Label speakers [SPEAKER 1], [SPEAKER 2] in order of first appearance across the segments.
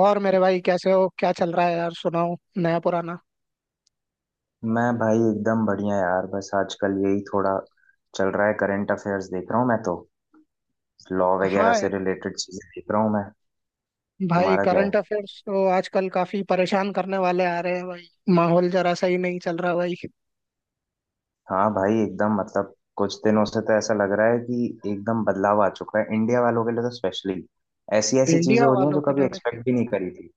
[SPEAKER 1] और मेरे भाई कैसे हो, क्या चल रहा है यार? सुनाओ नया पुराना।
[SPEAKER 2] मैं भाई एकदम बढ़िया यार। बस आजकल यही थोड़ा चल रहा है, करंट अफेयर्स देख रहा हूँ मैं तो। लॉ वगैरह
[SPEAKER 1] हाँ
[SPEAKER 2] से
[SPEAKER 1] यार।
[SPEAKER 2] रिलेटेड चीजें देख रहा हूँ मैं।
[SPEAKER 1] भाई
[SPEAKER 2] तुम्हारा क्या है?
[SPEAKER 1] करंट अफेयर्स तो आजकल काफी परेशान करने वाले आ रहे हैं भाई। माहौल जरा सही नहीं चल रहा भाई।
[SPEAKER 2] हाँ भाई एकदम। मतलब कुछ दिनों से तो ऐसा लग रहा है कि एकदम बदलाव आ चुका है। इंडिया वालों के लिए तो स्पेशली ऐसी ऐसी चीजें
[SPEAKER 1] इंडिया
[SPEAKER 2] हो रही हैं
[SPEAKER 1] वालों
[SPEAKER 2] जो
[SPEAKER 1] के
[SPEAKER 2] कभी
[SPEAKER 1] लिए भाई
[SPEAKER 2] एक्सपेक्ट भी नहीं करी थी।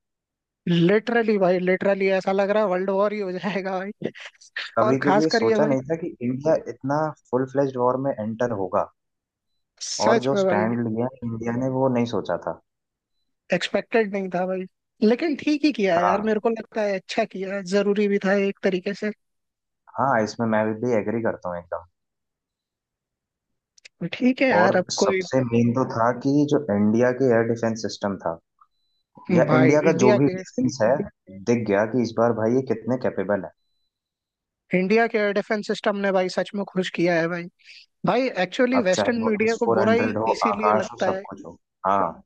[SPEAKER 1] लिटरली, भाई लिटरली ऐसा लग रहा है वर्ल्ड वॉर ही हो जाएगा भाई। और
[SPEAKER 2] कभी क्योंकि
[SPEAKER 1] खास
[SPEAKER 2] ये
[SPEAKER 1] कर ये
[SPEAKER 2] सोचा
[SPEAKER 1] भाई।
[SPEAKER 2] नहीं था कि इंडिया इतना फुल फ्लेज्ड वॉर में एंटर होगा। और
[SPEAKER 1] सच
[SPEAKER 2] जो
[SPEAKER 1] में भाई।
[SPEAKER 2] स्टैंड लिया इंडिया ने वो नहीं सोचा था।
[SPEAKER 1] एक्सपेक्टेड नहीं था भाई। लेकिन ठीक ही किया है यार,
[SPEAKER 2] हाँ।
[SPEAKER 1] मेरे को लगता है अच्छा किया है, जरूरी भी था एक तरीके से।
[SPEAKER 2] हाँ, इसमें मैं भी एग्री करता हूँ एकदम।
[SPEAKER 1] ठीक है
[SPEAKER 2] और
[SPEAKER 1] यार, अब कोई।
[SPEAKER 2] सबसे मेन तो था कि जो इंडिया के एयर डिफेंस सिस्टम था या
[SPEAKER 1] भाई
[SPEAKER 2] इंडिया का जो
[SPEAKER 1] इंडिया
[SPEAKER 2] भी
[SPEAKER 1] के।
[SPEAKER 2] डिफेंस है, दिख गया कि इस बार भाई ये कितने कैपेबल है।
[SPEAKER 1] इंडिया के एयर डिफेंस सिस्टम ने भाई सच में खुश किया है भाई। भाई एक्चुअली
[SPEAKER 2] अब चाहे
[SPEAKER 1] वेस्टर्न
[SPEAKER 2] वो एस
[SPEAKER 1] मीडिया को
[SPEAKER 2] फोर
[SPEAKER 1] बुरा ही
[SPEAKER 2] हंड्रेड हो,
[SPEAKER 1] इसीलिए
[SPEAKER 2] आकाश हो,
[SPEAKER 1] लगता
[SPEAKER 2] सब
[SPEAKER 1] है।
[SPEAKER 2] कुछ हो। हाँ,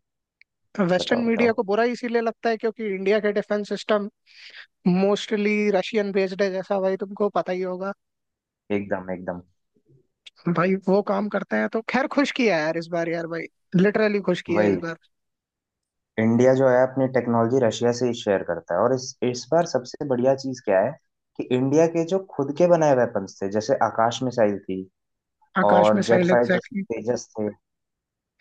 [SPEAKER 1] वेस्टर्न
[SPEAKER 2] बताओ
[SPEAKER 1] मीडिया
[SPEAKER 2] बताओ।
[SPEAKER 1] को बुरा इसीलिए लगता है क्योंकि इंडिया के defence system mostly Russian based है, जैसा भाई तुमको पता ही होगा।
[SPEAKER 2] एकदम एकदम।
[SPEAKER 1] भाई वो काम करते हैं तो खैर, खुश किया है यार इस बार, यार भाई लिटरली खुश किया है इस
[SPEAKER 2] वही,
[SPEAKER 1] बार।
[SPEAKER 2] इंडिया जो है अपनी टेक्नोलॉजी रशिया से ही शेयर करता है। और इस बार सबसे बढ़िया चीज क्या है कि इंडिया के जो खुद के बनाए वेपन्स थे, जैसे आकाश मिसाइल थी
[SPEAKER 1] आकाश
[SPEAKER 2] और जेट
[SPEAKER 1] मिसाइल
[SPEAKER 2] फाइटर्स में
[SPEAKER 1] एग्जैक्टली।
[SPEAKER 2] तेजस थे,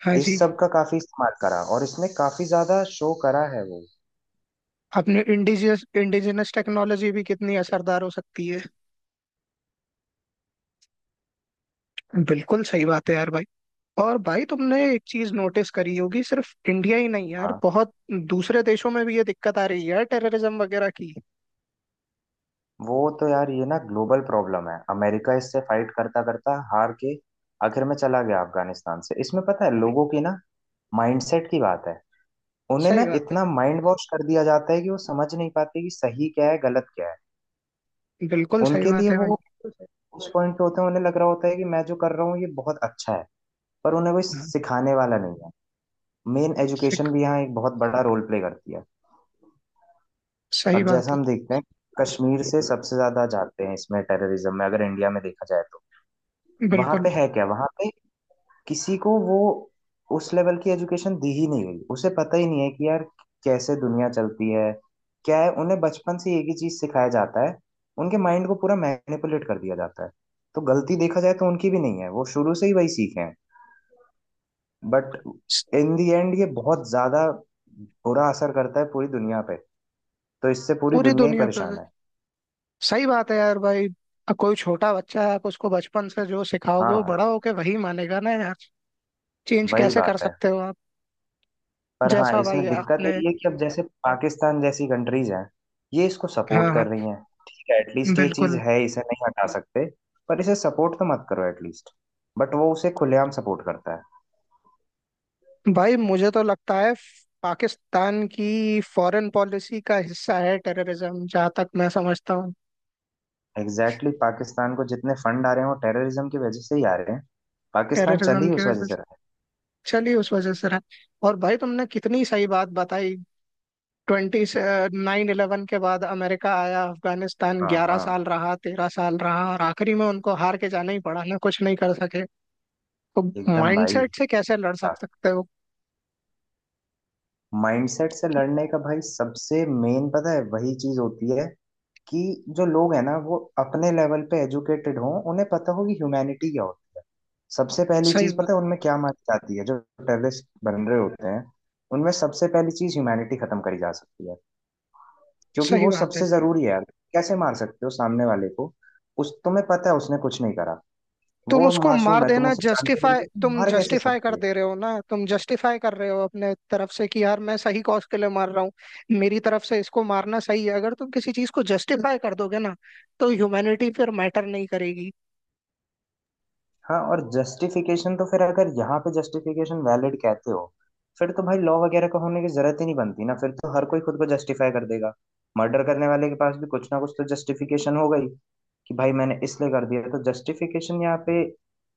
[SPEAKER 1] हाँ
[SPEAKER 2] इस
[SPEAKER 1] जी।
[SPEAKER 2] सब का काफी इस्तेमाल करा और इसने काफी ज्यादा शो करा है वो।
[SPEAKER 1] अपनी इंडिजियस, इंडिजिनस टेक्नोलॉजी भी कितनी असरदार हो सकती है। बिल्कुल सही बात है यार भाई। और भाई तुमने एक चीज नोटिस करी होगी, सिर्फ इंडिया ही नहीं यार,
[SPEAKER 2] हाँ।
[SPEAKER 1] बहुत दूसरे देशों में भी ये दिक्कत आ रही है यार, टेररिज्म वगैरह की।
[SPEAKER 2] वो तो यार ये ना ग्लोबल प्रॉब्लम है। अमेरिका इससे फाइट करता करता हार के आखिर में चला गया अफगानिस्तान से। इसमें पता है लोगों की ना माइंडसेट की बात है। उन्हें
[SPEAKER 1] सही
[SPEAKER 2] ना
[SPEAKER 1] बात है।
[SPEAKER 2] इतना माइंड वॉश कर दिया जाता है कि वो समझ नहीं पाते कि सही क्या है गलत क्या है।
[SPEAKER 1] बिल्कुल सही
[SPEAKER 2] उनके
[SPEAKER 1] बात
[SPEAKER 2] लिए
[SPEAKER 1] है भाई।
[SPEAKER 2] वो उस पॉइंट पे होते हैं, उन्हें लग रहा होता है कि मैं जो कर रहा हूँ ये बहुत अच्छा है। पर उन्हें वो
[SPEAKER 1] हाँ।
[SPEAKER 2] सिखाने वाला नहीं है। मेन एजुकेशन
[SPEAKER 1] सिख।
[SPEAKER 2] भी यहाँ एक बहुत बड़ा रोल प्ले करती है।
[SPEAKER 1] सही
[SPEAKER 2] अब
[SPEAKER 1] बात
[SPEAKER 2] जैसा
[SPEAKER 1] है।
[SPEAKER 2] हम देखते हैं, कश्मीर से सबसे ज्यादा जाते हैं इसमें टेररिज्म में, अगर इंडिया में देखा जाए तो। वहां
[SPEAKER 1] बिल्कुल।
[SPEAKER 2] पे है क्या, वहां पे किसी को वो उस लेवल की एजुकेशन दी ही नहीं गई। उसे पता ही नहीं है कि यार कैसे दुनिया चलती है, क्या है। उन्हें बचपन से एक ही चीज सिखाया जाता है, उनके माइंड को पूरा मैनिपुलेट कर दिया जाता है। तो गलती देखा जाए तो उनकी भी नहीं है, वो शुरू से ही वही सीखे हैं। बट
[SPEAKER 1] स-
[SPEAKER 2] इन दी एंड ये बहुत ज्यादा बुरा असर करता है पूरी दुनिया पे। तो इससे पूरी
[SPEAKER 1] पूरी
[SPEAKER 2] दुनिया ही
[SPEAKER 1] दुनिया पर।
[SPEAKER 2] परेशान है।
[SPEAKER 1] सही बात है यार भाई। कोई छोटा बच्चा है, आप उसको बचपन से जो सिखाओगे वो
[SPEAKER 2] हाँ,
[SPEAKER 1] बड़ा होके वही मानेगा ना यार। चेंज
[SPEAKER 2] वही
[SPEAKER 1] कैसे कर
[SPEAKER 2] बात है।
[SPEAKER 1] सकते हो आप?
[SPEAKER 2] पर हाँ,
[SPEAKER 1] जैसा भाई
[SPEAKER 2] इसमें दिक्कत
[SPEAKER 1] आपने।
[SPEAKER 2] यही है कि अब जैसे पाकिस्तान जैसी कंट्रीज हैं, ये इसको
[SPEAKER 1] हाँ
[SPEAKER 2] सपोर्ट
[SPEAKER 1] हाँ।
[SPEAKER 2] कर रही हैं। ठीक है, एटलीस्ट ये चीज
[SPEAKER 1] बिल्कुल।
[SPEAKER 2] है, इसे नहीं हटा सकते, पर इसे सपोर्ट तो मत करो एटलीस्ट। बट वो उसे खुलेआम सपोर्ट करता है।
[SPEAKER 1] भाई मुझे तो लगता है पाकिस्तान की फॉरेन पॉलिसी का हिस्सा है टेररिज्म, जहाँ तक मैं समझता हूँ।
[SPEAKER 2] एग्जैक्टली, पाकिस्तान को जितने फंड आ रहे हैं वो टेररिज्म की वजह से ही आ रहे हैं। पाकिस्तान चल
[SPEAKER 1] टेररिज्म
[SPEAKER 2] ही
[SPEAKER 1] की
[SPEAKER 2] उस वजह
[SPEAKER 1] वजह
[SPEAKER 2] से
[SPEAKER 1] से।
[SPEAKER 2] रहा है।
[SPEAKER 1] चलिए उस वजह से रहा। और भाई तुमने कितनी सही बात बताई। 9/11 के बाद अमेरिका आया, अफगानिस्तान
[SPEAKER 2] हाँ
[SPEAKER 1] ग्यारह
[SPEAKER 2] हाँ,
[SPEAKER 1] साल रहा, 13 साल रहा, और आखिरी में उनको हार के जाना ही पड़ा ना, कुछ नहीं कर सके। तो
[SPEAKER 2] एकदम भाई।
[SPEAKER 1] माइंडसेट से कैसे लड़ सक सकते हो?
[SPEAKER 2] माइंडसेट से लड़ने का भाई सबसे मेन पता है वही चीज होती है कि जो लोग हैं ना, वो अपने लेवल पे एजुकेटेड हों, उन्हें पता हो कि ह्यूमैनिटी क्या होती है। सबसे पहली
[SPEAKER 1] सही
[SPEAKER 2] चीज
[SPEAKER 1] बात।
[SPEAKER 2] पता है उनमें क्या मानी जाती है जो टेररिस्ट बन रहे होते हैं, उनमें सबसे पहली चीज ह्यूमैनिटी खत्म करी जा सकती है। क्योंकि
[SPEAKER 1] सही
[SPEAKER 2] वो
[SPEAKER 1] बात है।
[SPEAKER 2] सबसे जरूरी है यार। कैसे मार सकते हो सामने वाले को, उस तुम्हें पता है उसने कुछ नहीं करा।
[SPEAKER 1] तुम
[SPEAKER 2] वो
[SPEAKER 1] उसको मार
[SPEAKER 2] मासूम है, तुम
[SPEAKER 1] देना
[SPEAKER 2] उसे जानते भी नहीं
[SPEAKER 1] जस्टिफाई,
[SPEAKER 2] हो, तुम
[SPEAKER 1] तुम
[SPEAKER 2] मार कैसे
[SPEAKER 1] जस्टिफाई
[SPEAKER 2] सकते
[SPEAKER 1] कर
[SPEAKER 2] हो?
[SPEAKER 1] दे रहे हो ना, तुम जस्टिफाई कर रहे हो अपने तरफ से कि यार मैं सही कॉज के लिए मार रहा हूँ। मेरी तरफ से इसको मारना सही है। अगर तुम किसी चीज को जस्टिफाई कर दोगे ना, तो ह्यूमैनिटी फिर मैटर नहीं करेगी।
[SPEAKER 2] हाँ, और जस्टिफिकेशन तो फिर अगर यहाँ पे जस्टिफिकेशन वैलिड कहते हो, फिर तो भाई लॉ वगैरह का होने की जरूरत ही नहीं बनती ना, फिर तो हर कोई खुद को जस्टिफाई कर देगा। मर्डर करने वाले के पास भी कुछ ना कुछ तो जस्टिफिकेशन हो गई कि भाई मैंने इसलिए कर दिया। तो जस्टिफिकेशन यहाँ पे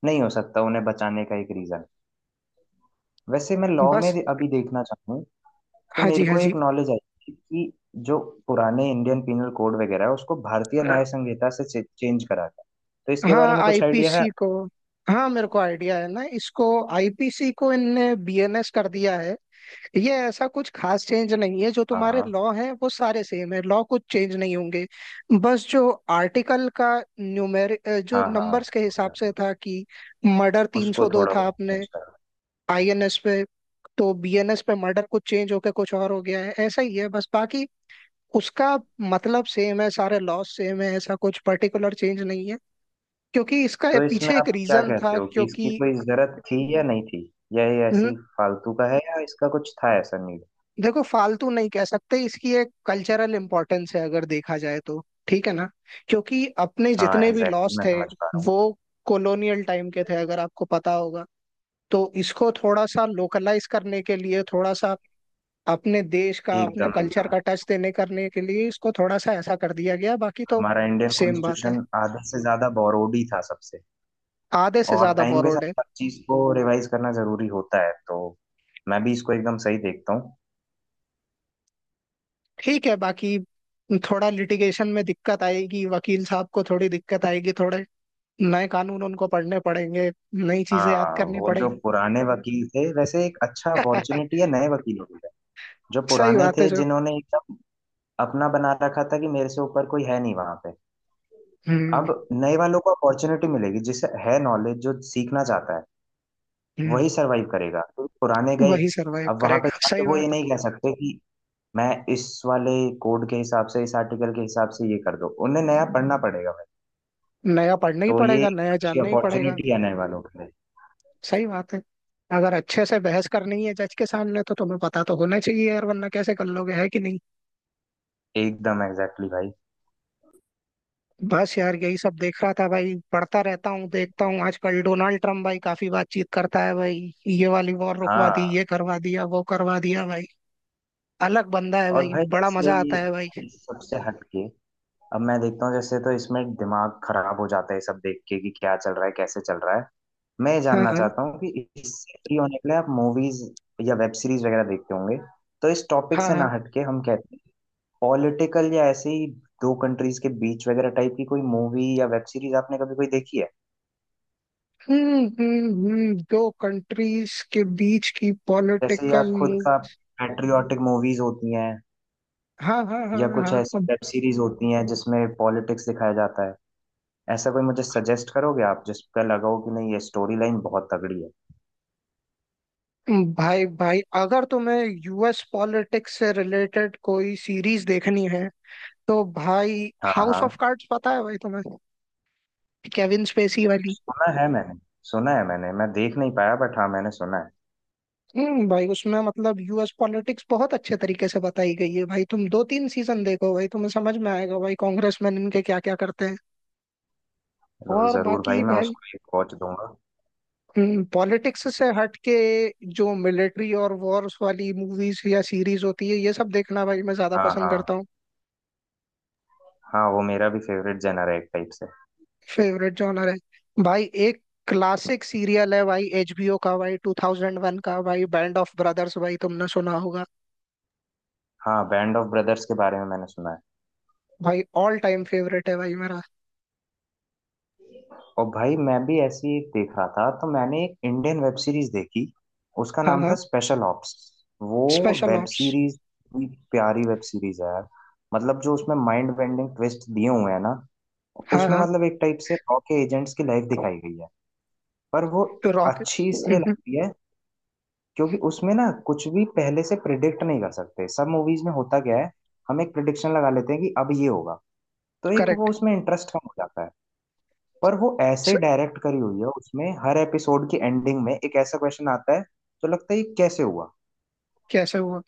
[SPEAKER 2] नहीं हो सकता उन्हें बचाने का एक रीजन। वैसे मैं लॉ में
[SPEAKER 1] बस।
[SPEAKER 2] अभी देखना चाहूँ तो
[SPEAKER 1] हाँ जी,
[SPEAKER 2] मेरे
[SPEAKER 1] हाँ
[SPEAKER 2] को
[SPEAKER 1] जी।
[SPEAKER 2] एक नॉलेज आई थी कि जो पुराने इंडियन पिनल कोड वगैरह है, उसको भारतीय न्याय संहिता से चेंज करा था। तो इसके बारे
[SPEAKER 1] हाँ,
[SPEAKER 2] में कुछ आइडिया है?
[SPEAKER 1] आईपीसी को। हाँ मेरे को आइडिया है ना इसको। आईपीसी को इनने बीएनएस कर दिया है। ये ऐसा कुछ खास चेंज नहीं है, जो
[SPEAKER 2] हाँ
[SPEAKER 1] तुम्हारे
[SPEAKER 2] हाँ
[SPEAKER 1] लॉ हैं वो सारे सेम है, लॉ कुछ चेंज नहीं होंगे। बस जो आर्टिकल का न्यूमेर जो
[SPEAKER 2] हाँ हाँ,
[SPEAKER 1] नंबर्स के हिसाब से था कि मर्डर
[SPEAKER 2] उसको
[SPEAKER 1] 302
[SPEAKER 2] थोड़ा
[SPEAKER 1] था
[SPEAKER 2] बहुत
[SPEAKER 1] आपने
[SPEAKER 2] सोचता है।
[SPEAKER 1] आईएनएस पे, तो बीएनएस पे मर्डर कुछ चेंज होके कुछ और हो गया है, ऐसा ही है बस। बाकी उसका मतलब सेम है, सारे लॉस सेम है, ऐसा कुछ पर्टिकुलर चेंज नहीं है। क्योंकि इसका
[SPEAKER 2] तो इसमें
[SPEAKER 1] पीछे एक
[SPEAKER 2] आप क्या
[SPEAKER 1] रीजन था,
[SPEAKER 2] कहते हो कि इसकी
[SPEAKER 1] क्योंकि
[SPEAKER 2] कोई जरूरत थी या नहीं थी, या ये ऐसी फालतू का है या इसका कुछ था ऐसा नीड?
[SPEAKER 1] देखो फालतू नहीं कह सकते, इसकी एक कल्चरल इंपॉर्टेंस है अगर देखा जाए तो। ठीक है ना? क्योंकि अपने
[SPEAKER 2] हाँ
[SPEAKER 1] जितने भी
[SPEAKER 2] एग्जैक्टली,
[SPEAKER 1] लॉस
[SPEAKER 2] मैं
[SPEAKER 1] थे
[SPEAKER 2] समझ पा रहा हूँ।
[SPEAKER 1] वो कॉलोनियल टाइम के थे, अगर आपको पता होगा। तो इसको थोड़ा सा लोकलाइज करने के लिए, थोड़ा सा अपने देश का, अपने
[SPEAKER 2] एकदम
[SPEAKER 1] कल्चर
[SPEAKER 2] एकदम,
[SPEAKER 1] का टच देने करने के लिए इसको थोड़ा सा ऐसा कर दिया गया, बाकी तो
[SPEAKER 2] हमारा इंडियन
[SPEAKER 1] सेम बात है।
[SPEAKER 2] कॉन्स्टिट्यूशन आधे से ज्यादा बोरोड ही था सबसे।
[SPEAKER 1] आधे से
[SPEAKER 2] और
[SPEAKER 1] ज्यादा
[SPEAKER 2] टाइम के
[SPEAKER 1] बोरोड
[SPEAKER 2] साथ
[SPEAKER 1] है।
[SPEAKER 2] हर चीज को रिवाइज करना जरूरी होता है, तो मैं भी इसको एकदम सही देखता हूँ।
[SPEAKER 1] ठीक है। बाकी थोड़ा लिटिगेशन में दिक्कत आएगी, वकील साहब को थोड़ी दिक्कत आएगी, थोड़ा नए कानून उनको पढ़ने पड़ेंगे, नई चीजें याद
[SPEAKER 2] हाँ,
[SPEAKER 1] करनी
[SPEAKER 2] वो
[SPEAKER 1] पड़ेगी।
[SPEAKER 2] जो पुराने वकील थे, वैसे एक अच्छा अपॉर्चुनिटी है नए वकीलों के लिए। जो
[SPEAKER 1] सही
[SPEAKER 2] पुराने
[SPEAKER 1] बात है।
[SPEAKER 2] थे
[SPEAKER 1] जो
[SPEAKER 2] जिन्होंने एकदम अपना बना रखा था कि मेरे से ऊपर कोई है नहीं वहां पे, अब
[SPEAKER 1] हम्म।
[SPEAKER 2] नए वालों को अपॉर्चुनिटी मिलेगी जिसे है नॉलेज, जो सीखना चाहता है
[SPEAKER 1] हम्म।
[SPEAKER 2] वही सरवाइव करेगा, तो पुराने गए।
[SPEAKER 1] वही सरवाइव
[SPEAKER 2] अब वहां पे
[SPEAKER 1] करेगा,
[SPEAKER 2] जाके
[SPEAKER 1] सही
[SPEAKER 2] वो ये
[SPEAKER 1] बात।
[SPEAKER 2] नहीं कह सकते कि मैं इस वाले कोड के हिसाब से, इस आर्टिकल के हिसाब से ये कर दो। उन्हें नया पढ़ना पड़ेगा भाई।
[SPEAKER 1] है, नया पढ़ना ही
[SPEAKER 2] तो ये
[SPEAKER 1] पड़ेगा,
[SPEAKER 2] एक
[SPEAKER 1] नया
[SPEAKER 2] अच्छी
[SPEAKER 1] जानना ही पड़ेगा।
[SPEAKER 2] अपॉर्चुनिटी है नए वालों के लिए।
[SPEAKER 1] सही बात है। अगर अच्छे से बहस करनी है जज के सामने, तो तुम्हें पता तो होना चाहिए यार, वरना कैसे कर लोगे, है कि नहीं?
[SPEAKER 2] एकदम एग्जैक्टली भाई।
[SPEAKER 1] बस यार यही सब देख रहा था भाई, पढ़ता रहता हूँ, देखता हूँ। आजकल डोनाल्ड ट्रम्प भाई काफी बातचीत करता है भाई, ये वाली वॉर रुकवा दी,
[SPEAKER 2] हाँ,
[SPEAKER 1] ये करवा दिया, वो करवा दिया भाई। अलग बंदा है
[SPEAKER 2] और
[SPEAKER 1] भाई,
[SPEAKER 2] भाई
[SPEAKER 1] बड़ा
[SPEAKER 2] ऐसे
[SPEAKER 1] मजा आता
[SPEAKER 2] ये
[SPEAKER 1] है भाई।
[SPEAKER 2] इस सबसे हटके, अब मैं देखता हूँ जैसे तो इसमें दिमाग खराब हो जाता है ये सब देख के कि क्या चल रहा है कैसे चल रहा है। मैं जानना चाहता हूँ कि इससे फ्री होने के लिए आप मूवीज या वेब सीरीज वगैरह देखते होंगे, तो इस टॉपिक
[SPEAKER 1] हाँ
[SPEAKER 2] से
[SPEAKER 1] हाँ।
[SPEAKER 2] ना हटके हम कहते हैं पॉलिटिकल या ऐसे ही दो कंट्रीज के बीच वगैरह टाइप की कोई मूवी या वेब सीरीज आपने कभी कोई देखी है?
[SPEAKER 1] हम्म, हम्म, दो कंट्रीज के बीच की
[SPEAKER 2] जैसे या
[SPEAKER 1] पॉलिटिकल
[SPEAKER 2] खुद
[SPEAKER 1] मूव।
[SPEAKER 2] का पैट्रियोटिक मूवीज होती हैं,
[SPEAKER 1] हाँ हाँ हाँ
[SPEAKER 2] या कुछ
[SPEAKER 1] हाँ।
[SPEAKER 2] ऐसी
[SPEAKER 1] अब,
[SPEAKER 2] वेब सीरीज होती हैं जिसमें पॉलिटिक्स दिखाया जाता है। ऐसा कोई मुझे सजेस्ट करोगे आप जिसका लगा हो कि नहीं ये स्टोरी लाइन बहुत तगड़ी है?
[SPEAKER 1] भाई भाई अगर तुम्हें यूएस पॉलिटिक्स से रिलेटेड कोई सीरीज देखनी है तो भाई
[SPEAKER 2] हाँ
[SPEAKER 1] हाउस ऑफ
[SPEAKER 2] हाँ,
[SPEAKER 1] कार्ड्स, पता है भाई तुम्हें, केविन स्पेसी वाली।
[SPEAKER 2] सुना है मैंने। सुना है मैंने, मैं देख नहीं पाया बट हाँ मैंने सुना है।
[SPEAKER 1] हम्म, भाई उसमें मतलब यूएस पॉलिटिक्स बहुत अच्छे तरीके से बताई गई है भाई, तुम 2 3 सीजन देखो भाई, तुम्हें समझ में आएगा भाई कांग्रेसमैन इनके क्या क्या करते हैं।
[SPEAKER 2] चलो
[SPEAKER 1] और
[SPEAKER 2] जरूर भाई,
[SPEAKER 1] बाकी
[SPEAKER 2] मैं
[SPEAKER 1] भाई,
[SPEAKER 2] उसको एक वॉच दूंगा।
[SPEAKER 1] पॉलिटिक्स से हट के जो मिलिट्री और वॉर्स वाली मूवीज या सीरीज होती है, ये सब देखना भाई मैं ज्यादा
[SPEAKER 2] हाँ
[SPEAKER 1] पसंद
[SPEAKER 2] हाँ।
[SPEAKER 1] करता हूँ।
[SPEAKER 2] हाँ, वो मेरा भी फेवरेट जेनर है एक टाइप से।
[SPEAKER 1] फेवरेट जॉनर है। भाई एक क्लासिक सीरियल है भाई, एचबीओ का भाई, 2001 का भाई, बैंड ऑफ ब्रदर्स, भाई तुमने सुना होगा।
[SPEAKER 2] हाँ, बैंड ऑफ ब्रदर्स के बारे में मैंने सुना है।
[SPEAKER 1] भाई ऑल टाइम फेवरेट है भाई मेरा।
[SPEAKER 2] और भाई मैं भी ऐसी एक देख रहा था, तो मैंने एक इंडियन वेब सीरीज देखी। उसका
[SPEAKER 1] हाँ
[SPEAKER 2] नाम था
[SPEAKER 1] हाँ।
[SPEAKER 2] Special ops. वो
[SPEAKER 1] स्पेशल
[SPEAKER 2] वेब
[SPEAKER 1] ऑप्स।
[SPEAKER 2] सीरीज भी प्यारी वेब सीरीज है यार। मतलब जो उसमें माइंड बेंडिंग ट्विस्ट दिए हुए हैं ना,
[SPEAKER 1] हाँ
[SPEAKER 2] उसमें
[SPEAKER 1] हाँ।
[SPEAKER 2] मतलब एक टाइप से रॉ के एजेंट्स की लाइफ दिखाई गई है। पर वो
[SPEAKER 1] तो रॉकेट।
[SPEAKER 2] अच्छी इसलिए लगती है क्योंकि उसमें ना कुछ भी पहले से प्रिडिक्ट नहीं कर सकते। सब मूवीज में होता क्या है, हम एक प्रिडिक्शन लगा लेते हैं कि अब ये होगा, तो एक वो
[SPEAKER 1] करेक्ट।
[SPEAKER 2] उसमें इंटरेस्ट कम हो जाता है। पर वो ऐसे डायरेक्ट करी हुई है, उसमें हर एपिसोड की एंडिंग में एक ऐसा क्वेश्चन आता है तो लगता है ये कैसे हुआ।
[SPEAKER 1] कैसे हुआ?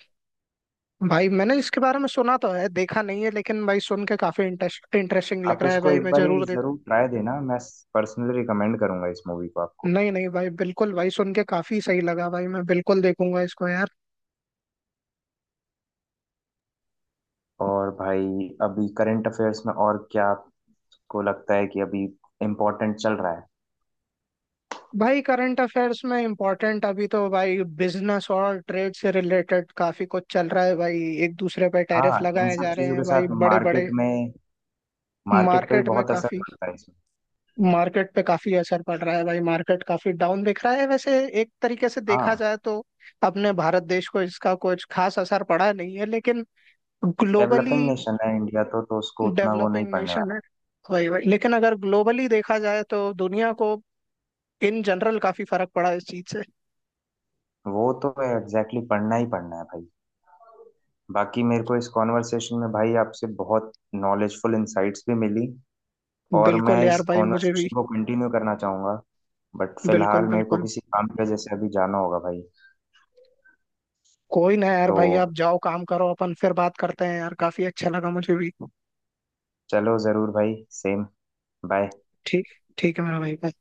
[SPEAKER 1] भाई मैंने इसके बारे में सुना तो है, देखा नहीं है, लेकिन भाई सुन के काफी इंटरेस्टिंग
[SPEAKER 2] आप
[SPEAKER 1] लग रहा है
[SPEAKER 2] इसको
[SPEAKER 1] भाई,
[SPEAKER 2] एक
[SPEAKER 1] मैं
[SPEAKER 2] बार ये
[SPEAKER 1] जरूर।
[SPEAKER 2] जरूर ट्राई देना, मैं पर्सनली रिकमेंड करूंगा इस मूवी को आपको।
[SPEAKER 1] नहीं नहीं भाई, बिल्कुल भाई, सुन के काफी सही लगा भाई, मैं बिल्कुल देखूंगा इसको यार।
[SPEAKER 2] और भाई अभी करंट अफेयर्स में और क्या आपको लगता है कि अभी इम्पोर्टेंट चल रहा है?
[SPEAKER 1] भाई करंट अफेयर्स में इम्पोर्टेंट अभी तो भाई बिजनेस और ट्रेड से रिलेटेड काफी कुछ चल रहा है भाई, एक दूसरे पे टैरिफ
[SPEAKER 2] हाँ, इन
[SPEAKER 1] लगाए
[SPEAKER 2] सब
[SPEAKER 1] जा रहे
[SPEAKER 2] चीजों के
[SPEAKER 1] हैं भाई
[SPEAKER 2] साथ
[SPEAKER 1] बड़े बड़े।
[SPEAKER 2] मार्केट में, मार्केट पे भी
[SPEAKER 1] मार्केट में
[SPEAKER 2] बहुत असर
[SPEAKER 1] काफी,
[SPEAKER 2] पड़ता है।
[SPEAKER 1] मार्केट पे काफी असर पड़ रहा है भाई, मार्केट काफी डाउन दिख रहा है वैसे, एक तरीके से देखा
[SPEAKER 2] हाँ,
[SPEAKER 1] जाए तो। अपने भारत देश को इसका कुछ खास असर पड़ा नहीं है, लेकिन
[SPEAKER 2] डेवलपिंग
[SPEAKER 1] ग्लोबली
[SPEAKER 2] नेशन है इंडिया, तो उसको उतना वो नहीं
[SPEAKER 1] डेवलपिंग
[SPEAKER 2] पढ़ने
[SPEAKER 1] नेशन है।
[SPEAKER 2] वाला।
[SPEAKER 1] वही वही, लेकिन अगर ग्लोबली देखा जाए तो दुनिया को इन जनरल काफी फर्क पड़ा इस चीज से।
[SPEAKER 2] वो तो एग्जैक्टली, पढ़ना ही पढ़ना है भाई। बाकी मेरे को इस कॉन्वर्सेशन में भाई आपसे बहुत नॉलेजफुल इंसाइट्स भी मिली, और मैं
[SPEAKER 1] बिल्कुल
[SPEAKER 2] इस
[SPEAKER 1] यार भाई, मुझे भी।
[SPEAKER 2] कॉन्वर्सेशन को कंटिन्यू करना चाहूंगा, बट
[SPEAKER 1] बिल्कुल
[SPEAKER 2] फिलहाल मेरे को
[SPEAKER 1] बिल्कुल।
[SPEAKER 2] किसी काम की वजह से अभी जाना होगा भाई।
[SPEAKER 1] कोई ना यार
[SPEAKER 2] तो
[SPEAKER 1] भाई, आप जाओ काम करो, अपन फिर बात करते हैं यार, काफी अच्छा लगा मुझे भी।
[SPEAKER 2] चलो ज़रूर भाई। सेम। बाय।
[SPEAKER 1] ठीक। ठीक है मेरा भाई, bye।